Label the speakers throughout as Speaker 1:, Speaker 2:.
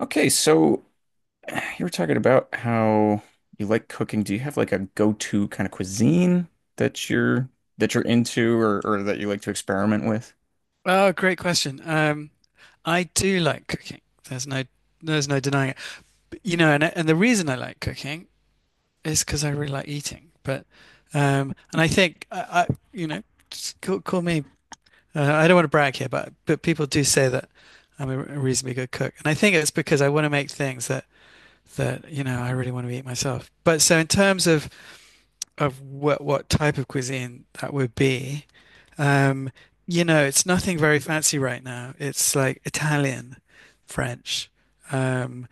Speaker 1: Okay, so you were talking about how you like cooking. Do you have like a go-to kind of cuisine that you're that you're into or that you like to experiment with?
Speaker 2: Oh, great question. I do like cooking. There's no there's no denying it. But, and the reason I like cooking is because I really like eating. But and I think I just call me. I don't want to brag here, but people do say that I'm a reasonably good cook, and I think it's because I want to make things that I really want to eat myself. But so in terms of what type of cuisine that would be. Um, it's nothing very fancy right now. It's like Italian, French. Um,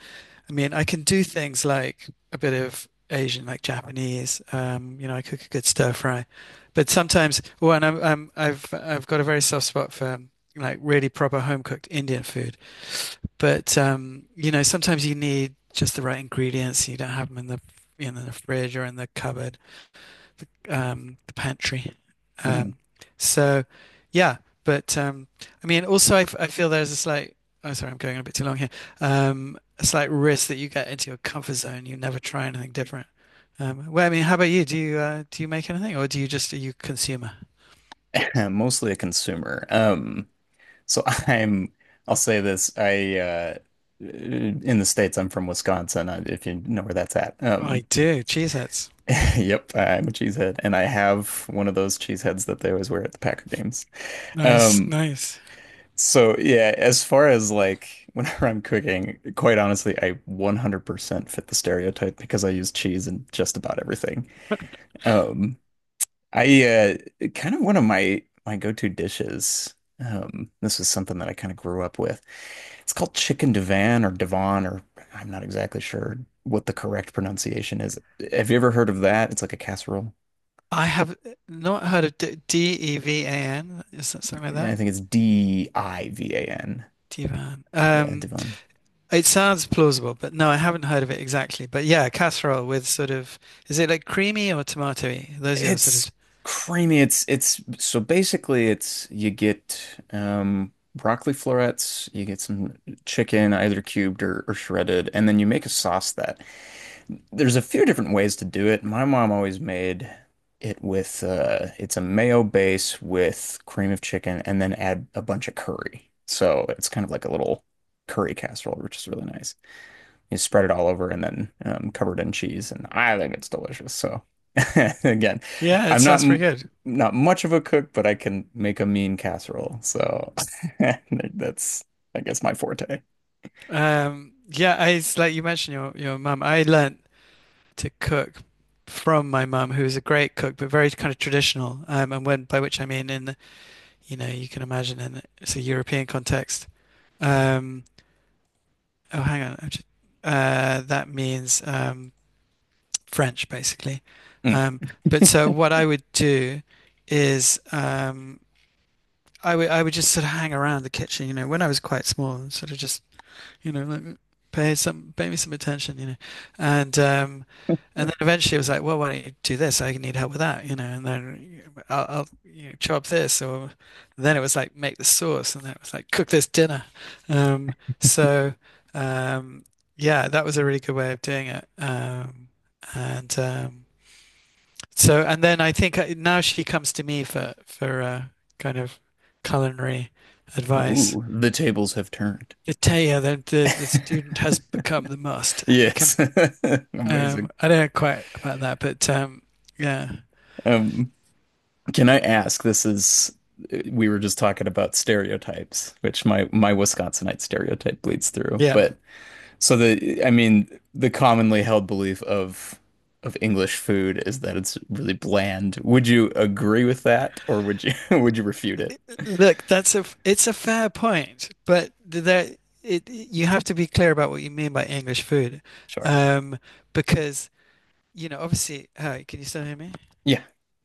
Speaker 2: I mean, I can do things like a bit of Asian, like Japanese. I cook a good stir fry, but sometimes, well, and I've got a very soft spot for like really proper home cooked Indian food. But sometimes you need just the right ingredients. You don't have them in the fridge or in the cupboard, the pantry.
Speaker 1: Mhm.
Speaker 2: Um, so yeah, but I mean, also I feel there's a slight. Oh, sorry, I'm going on a bit too long here. A slight risk that you get into your comfort zone. You never try anything different. Well, I mean, how about you? Do you make anything, or do you just are you a consumer?
Speaker 1: Mostly a consumer. So I'll say this. I in the States, I'm from Wisconsin, if you know where that's at.
Speaker 2: I do. Cheeseheads.
Speaker 1: Yep, I'm a cheesehead and I have one of those cheeseheads that they always wear at the Packer games.
Speaker 2: Nice,
Speaker 1: Um.
Speaker 2: nice.
Speaker 1: So yeah, as far as like whenever I'm cooking, quite honestly, I 100% fit the stereotype because I use cheese in just about everything. Um, I kind of one of my go-to dishes. This is something that I kind of grew up with. It's called chicken divan or divan, or I'm not exactly sure what the correct pronunciation is. Have you ever heard of that? It's like a casserole.
Speaker 2: I have not heard of Devan. Is that something like
Speaker 1: Yeah, I
Speaker 2: that?
Speaker 1: think it's divan.
Speaker 2: Divan.
Speaker 1: Yeah, divan.
Speaker 2: It sounds plausible, but no, I haven't heard of it exactly. But yeah, casserole with sort of, is it like creamy or tomatoey? Those are your sort
Speaker 1: It's
Speaker 2: of,
Speaker 1: creamy. It's so basically it's you get broccoli florets, you get some chicken either cubed or shredded, and then you make a sauce that there's a few different ways to do it. My mom always made it with it's a mayo base with cream of chicken and then add a bunch of curry. So it's kind of like a little curry casserole, which is really nice. You spread it all over and then covered in cheese. And I think it's delicious. So again,
Speaker 2: yeah, it
Speaker 1: I'm not
Speaker 2: sounds pretty
Speaker 1: m-
Speaker 2: good.
Speaker 1: not much of a cook, but I can make a mean casserole. So that's, I guess, my forte.
Speaker 2: Yeah, it's like you mentioned your mum. I learnt to cook from my mum, who was a great cook, but very kind of traditional. And when, by which I mean in the, you can imagine, in it's a European context. Um, oh, hang on. That means French, basically.
Speaker 1: Mm.
Speaker 2: Um, but so what I would do is I would just sort of hang around the kitchen, when I was quite small, and sort of just you know like, pay me some attention, and um, and then eventually it was like, well, why don't you do this? I need help with that, and then I'll chop this, or then it was like make the sauce, and then it was like cook this dinner. Um, so um, yeah, that was a really good way of doing it, and um, and then I think now she comes to me for kind of culinary advice.
Speaker 1: Ooh, the tables have turned.
Speaker 2: Italia, the student has become the master. The com
Speaker 1: Yes. Amazing.
Speaker 2: I don't know quite about that, but yeah,
Speaker 1: Um. Can I ask? This is. We were just talking about stereotypes, which my Wisconsinite stereotype bleeds through.
Speaker 2: yeah.
Speaker 1: But so the I mean the commonly held belief of English food is that it's really bland. Would you agree with that, or would you would you refute it?
Speaker 2: Look, that's a it's a fair point, but there it you have to be clear about what you mean by English food,
Speaker 1: Sure.
Speaker 2: um, because, obviously. Hi, can you still hear me?
Speaker 1: Yeah.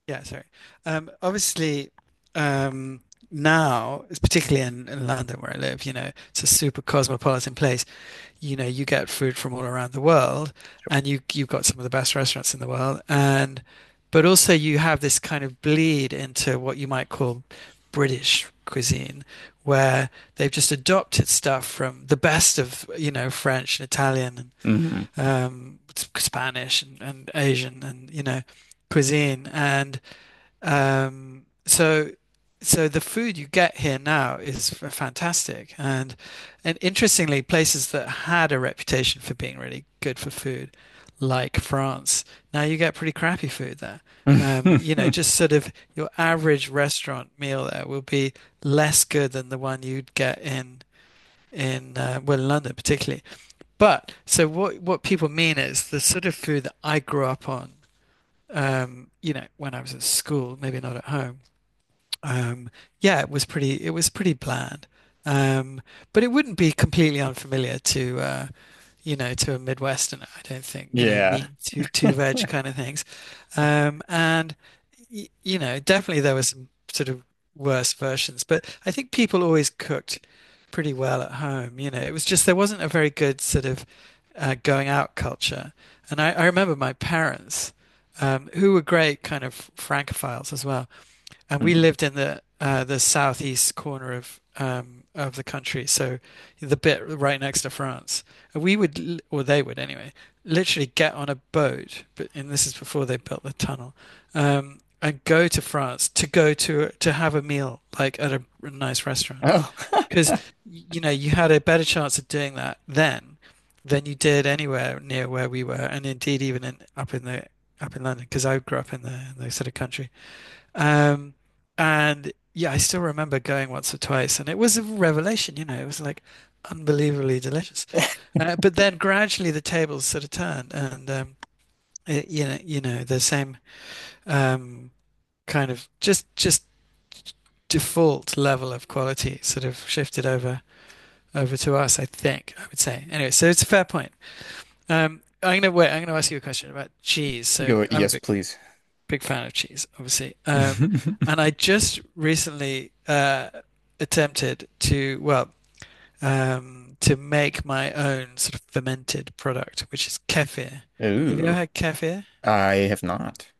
Speaker 2: Yeah, sorry. Obviously, um, now, it's particularly in, London where I live. It's a super cosmopolitan place. You get food from all around the world, and you've got some of the best restaurants in the world, and but also you have this kind of bleed into what you might call British cuisine, where they've just adopted stuff from the best of, French and Italian
Speaker 1: Hmm.
Speaker 2: and Spanish and Asian and, cuisine. And um, so, so the food you get here now is fantastic, and interestingly, places that had a reputation for being really good for food, like France, now you get pretty crappy food there. Just sort of your average restaurant meal there will be less good than the one you'd get in well, in London particularly. But so what people mean is the sort of food that I grew up on, when I was at school, maybe not at home, um, yeah, it was pretty bland. Um, but it wouldn't be completely unfamiliar to to a Midwesterner, I don't think,
Speaker 1: Yeah.
Speaker 2: meat, two veg kind of things. And definitely there were some sort of worse versions, but I think people always cooked pretty well at home. It was just there wasn't a very good sort of going out culture. And I remember my parents, who were great kind of Francophiles as well, and we
Speaker 1: Mhm.
Speaker 2: lived in the southeast corner of, of the country, so the bit right next to France. And we would, or they would anyway, literally get on a boat, but and this is before they built the tunnel, and go to France to go to have a meal like at a nice restaurant.
Speaker 1: Oh,
Speaker 2: Because you had a better chance of doing that then than you did anywhere near where we were, and indeed even in up in the up in London, because I grew up in the sort of country. Um, and yeah, I still remember going once or twice, and it was a revelation, it was like unbelievably delicious. But then gradually the tables sort of turned, and it, you know, the same um, kind of just default level of quality sort of shifted over to us, I think, I would say. Anyway, so it's a fair point. I'm gonna ask you a question about cheese. So
Speaker 1: go.
Speaker 2: I'm a
Speaker 1: Yes,
Speaker 2: big
Speaker 1: please.
Speaker 2: big fan of cheese, obviously. And I just recently attempted to, well, to make my own sort of fermented product, which is kefir. Have you ever
Speaker 1: Ooh.
Speaker 2: had kefir?
Speaker 1: I have not.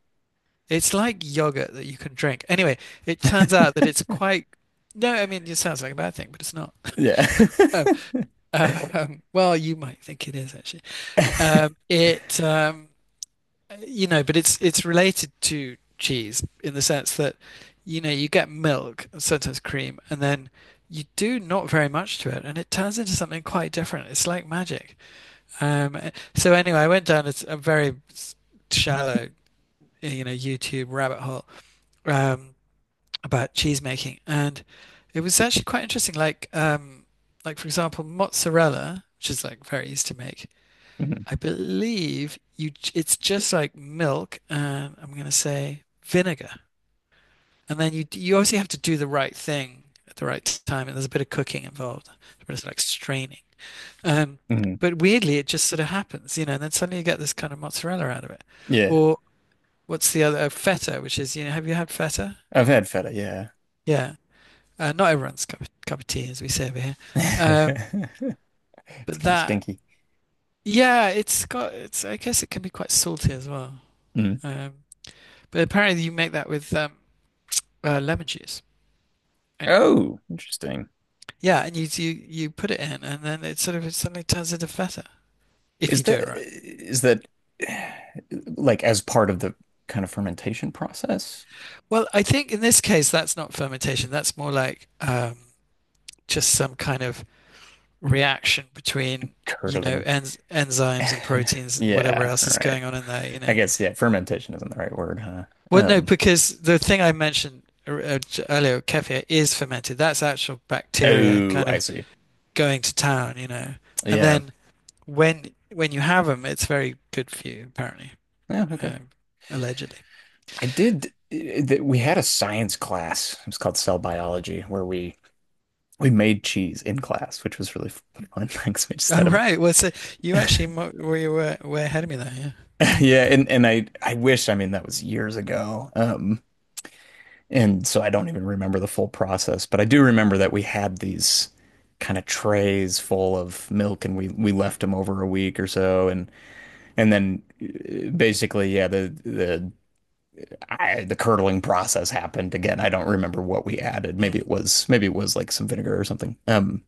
Speaker 2: It's like yogurt that you can drink. Anyway, it turns out that it's quite, no, I mean, it sounds like a bad thing, but it's not.
Speaker 1: Yeah.
Speaker 2: Um, well, you might think it is actually. Um, it um, but it's related to cheese in the sense that, you get milk and sometimes cream, and then you do not very much to it, and it turns into something quite different. It's like magic. Um, so anyway, I went down a very shallow, YouTube rabbit hole, um, about cheese making, and it was actually quite interesting. Like, like, for example, mozzarella, which is like very easy to make. I believe you. It's just like milk and I'm gonna say vinegar. And then you obviously have to do the right thing at the right time, and there's a bit of cooking involved. But it's like straining. Um
Speaker 1: Mm,
Speaker 2: but weirdly it just sort of happens, and then suddenly you get this kind of mozzarella out of it.
Speaker 1: yeah,
Speaker 2: Or what's the other, feta, which is, have you had feta?
Speaker 1: I've had feta, yeah.
Speaker 2: Yeah. Not everyone's cup of tea, as we say over here. Um
Speaker 1: It's
Speaker 2: but
Speaker 1: kind of
Speaker 2: that
Speaker 1: stinky.
Speaker 2: yeah, it's I guess it can be quite salty as well.
Speaker 1: Mm.
Speaker 2: Um But apparently you make that with lemon juice. Anyway,
Speaker 1: Oh, interesting.
Speaker 2: yeah, and you put it in, and then it sort of it suddenly turns into feta if
Speaker 1: Is
Speaker 2: you do
Speaker 1: that
Speaker 2: it right.
Speaker 1: is that eh, like as part of the kind of fermentation process?
Speaker 2: Well, I think in this case that's not fermentation. That's more like just some kind of reaction between
Speaker 1: Curdling.
Speaker 2: enzymes and proteins and whatever
Speaker 1: Yeah,
Speaker 2: else is
Speaker 1: right.
Speaker 2: going on in there.
Speaker 1: I guess yeah, fermentation isn't the right word, huh?
Speaker 2: Well, no,
Speaker 1: Um,
Speaker 2: because the thing I mentioned er- er- earlier, kefir, is fermented. That's actual bacteria
Speaker 1: oh,
Speaker 2: kind
Speaker 1: I
Speaker 2: of
Speaker 1: see.
Speaker 2: going to town. And
Speaker 1: Yeah.
Speaker 2: then when you have them, it's very good for you, apparently,
Speaker 1: Yeah, okay.
Speaker 2: um, allegedly.
Speaker 1: I did that we had a science class. It was called cell biology where we made cheese in class, which was really fun. Because we just
Speaker 2: Oh,
Speaker 1: had a
Speaker 2: right. Well, so you were way ahead of me there.
Speaker 1: yeah, and I wish, I mean, that was years ago. And so I don't even remember the full process, but I do remember that we had these kind of trays full of milk and we left them over a week or so and then basically yeah, the curdling process happened again. I don't remember what we added.
Speaker 2: Yeah.
Speaker 1: Maybe it
Speaker 2: Mm.
Speaker 1: was maybe it was like some vinegar or something.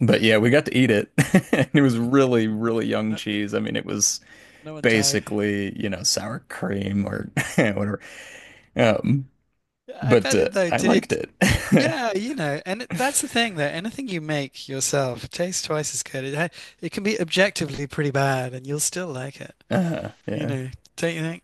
Speaker 1: But yeah, we got to eat it. And it was really, really young
Speaker 2: No,
Speaker 1: cheese. I mean, it was
Speaker 2: no one died.
Speaker 1: basically, you know, sour cream or whatever. Um,
Speaker 2: I
Speaker 1: but
Speaker 2: bet it though.
Speaker 1: I
Speaker 2: Did
Speaker 1: liked
Speaker 2: it?
Speaker 1: it.
Speaker 2: Yeah, that's the thing though. Anything you make yourself tastes twice as good. It can be objectively pretty bad, and you'll still like it. You
Speaker 1: Yeah.
Speaker 2: know, don't you think?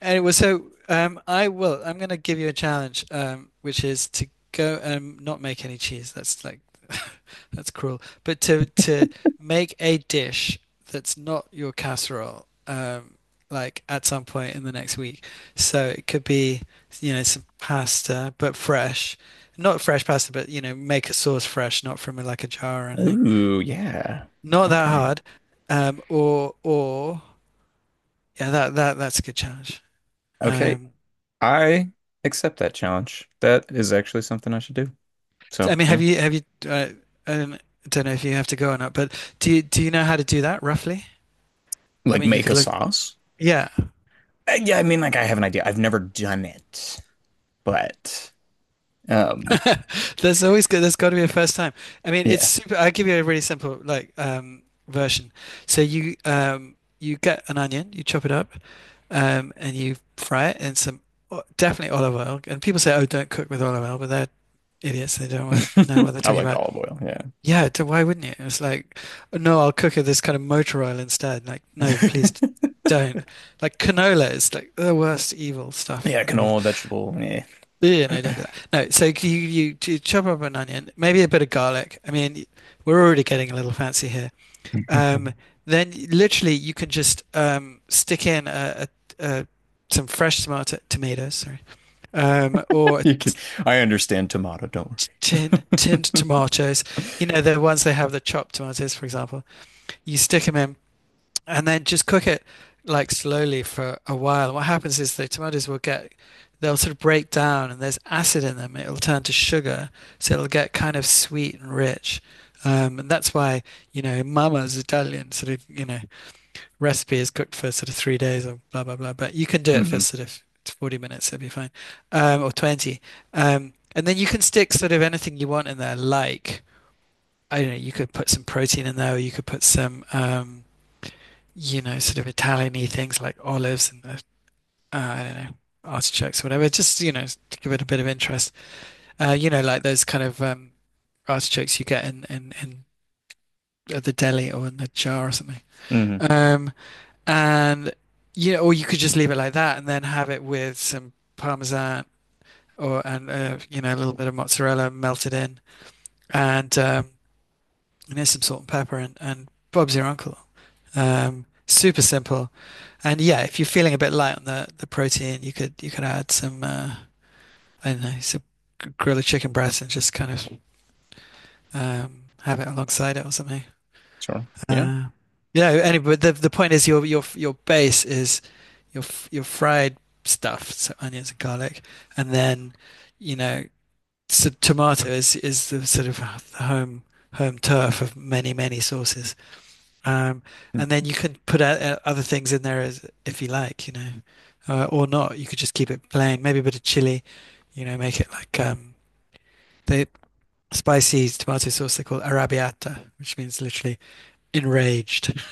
Speaker 2: Anyway, so I will. I'm going to give you a challenge, which is to go and not make any cheese. That's like that's cruel. But to make a dish that's not your casserole, like at some point in the next week. So it could be, some pasta, but fresh. Not fresh pasta, but make a sauce fresh, not from like a jar or anything.
Speaker 1: Ooh, yeah.
Speaker 2: Not that
Speaker 1: Okay.
Speaker 2: hard. Or yeah, that's a good challenge.
Speaker 1: Okay.
Speaker 2: Um,
Speaker 1: I accept that challenge. That is actually something I should do. So,
Speaker 2: I mean,
Speaker 1: yeah.
Speaker 2: have you have you uh, I don't know if you have to go or not, but do you know how to do that roughly? I
Speaker 1: Like
Speaker 2: mean, you
Speaker 1: make
Speaker 2: could
Speaker 1: a
Speaker 2: look.
Speaker 1: sauce?
Speaker 2: Yeah,
Speaker 1: Yeah, I mean, like I have an idea. I've never done it, but um,
Speaker 2: there's always good. There's got to be a first time. I mean, it's
Speaker 1: yeah,
Speaker 2: super. I'll give you a really simple like version. So you you get an onion, you chop it up, and you fry it in some definitely olive oil. And people say, "Oh, don't cook with olive oil," but they're idiots. They don't wa- know what they're
Speaker 1: I
Speaker 2: talking
Speaker 1: like
Speaker 2: about.
Speaker 1: olive oil. Yeah,
Speaker 2: Yeah, why wouldn't you? It's like, no, I'll cook it this kind of motor oil instead. Like, no, please don't. Like canola is like the worst evil stuff
Speaker 1: yeah,
Speaker 2: in the world.
Speaker 1: canola, vegetable. Yeah,
Speaker 2: Yeah, no, don't do that. No, so you do chop up an onion, maybe a bit of garlic. I mean, we're already getting a little fancy here. Um, then literally you can just stick in a some fresh tomatoes, sorry, or
Speaker 1: you can.
Speaker 2: t-
Speaker 1: I understand tomato. Don't
Speaker 2: t- tin
Speaker 1: worry.
Speaker 2: tinned tomatoes. You know, the ones they have the chopped tomatoes, for example. You stick them in and then just cook it like slowly for a while. What happens is the tomatoes will get, they'll sort of break down and there's acid in them. It'll turn to sugar. So it'll get kind of sweet and rich. And that's why, you know, Mama's Italian sort of, you know, recipe is cooked for sort of 3 days or blah, blah, blah. But you can do it for
Speaker 1: Hmm.
Speaker 2: sort of 40 minutes, it'll be fine, or 20. And then you can stick sort of anything you want in there, like, I don't know, you could put some protein in there, or you could put some, you know, sort of Italian-y things like olives and I don't know, artichokes or whatever, just, you know, to give it a bit of interest. You know, like those kind of artichokes you get in at the deli or in a jar or something.
Speaker 1: Hmm.
Speaker 2: Um, and you know, or you could just leave it like that and then have it with some Parmesan and, you know, a little bit of mozzarella melted in and, um, and there's some salt and pepper and Bob's your uncle. Super simple. And yeah, if you're feeling a bit light on the protein, you could add some I don't know, some grilled chicken breast and just kind of have it alongside it or something.
Speaker 1: Sure. Yeah.
Speaker 2: Uh, yeah. Anyway, the point is your base is your your fried stuff, so onions and garlic, and then, you know, so tomato is the sort of the home turf of many sauces. Um, and then
Speaker 1: Mhm.
Speaker 2: you can put out other things in there as if you like, you know, or not. You could just keep it plain. Maybe a bit of chili, you know, make it like the spicy tomato sauce they call arrabbiata, which means literally enraged.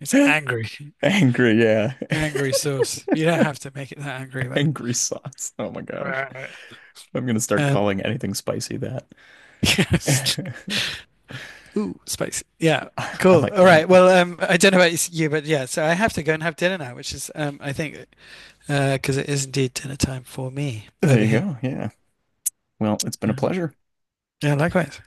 Speaker 2: It's angry,
Speaker 1: Angry. Yeah.
Speaker 2: angry sauce. You don't have to make it that angry, but
Speaker 1: Angry sauce. Oh my gosh. I'm gonna start
Speaker 2: um,
Speaker 1: calling anything spicy that.
Speaker 2: yes.
Speaker 1: I
Speaker 2: Ooh, spicy. Yeah, cool.
Speaker 1: like
Speaker 2: All
Speaker 1: my.
Speaker 2: right. Well, I don't know about you, but yeah. So I have to go and have dinner now, which is I think because it is indeed dinner time for me
Speaker 1: There
Speaker 2: over
Speaker 1: you
Speaker 2: here.
Speaker 1: go. Yeah. Well, it's been
Speaker 2: Uh,
Speaker 1: a pleasure.
Speaker 2: yeah, likewise.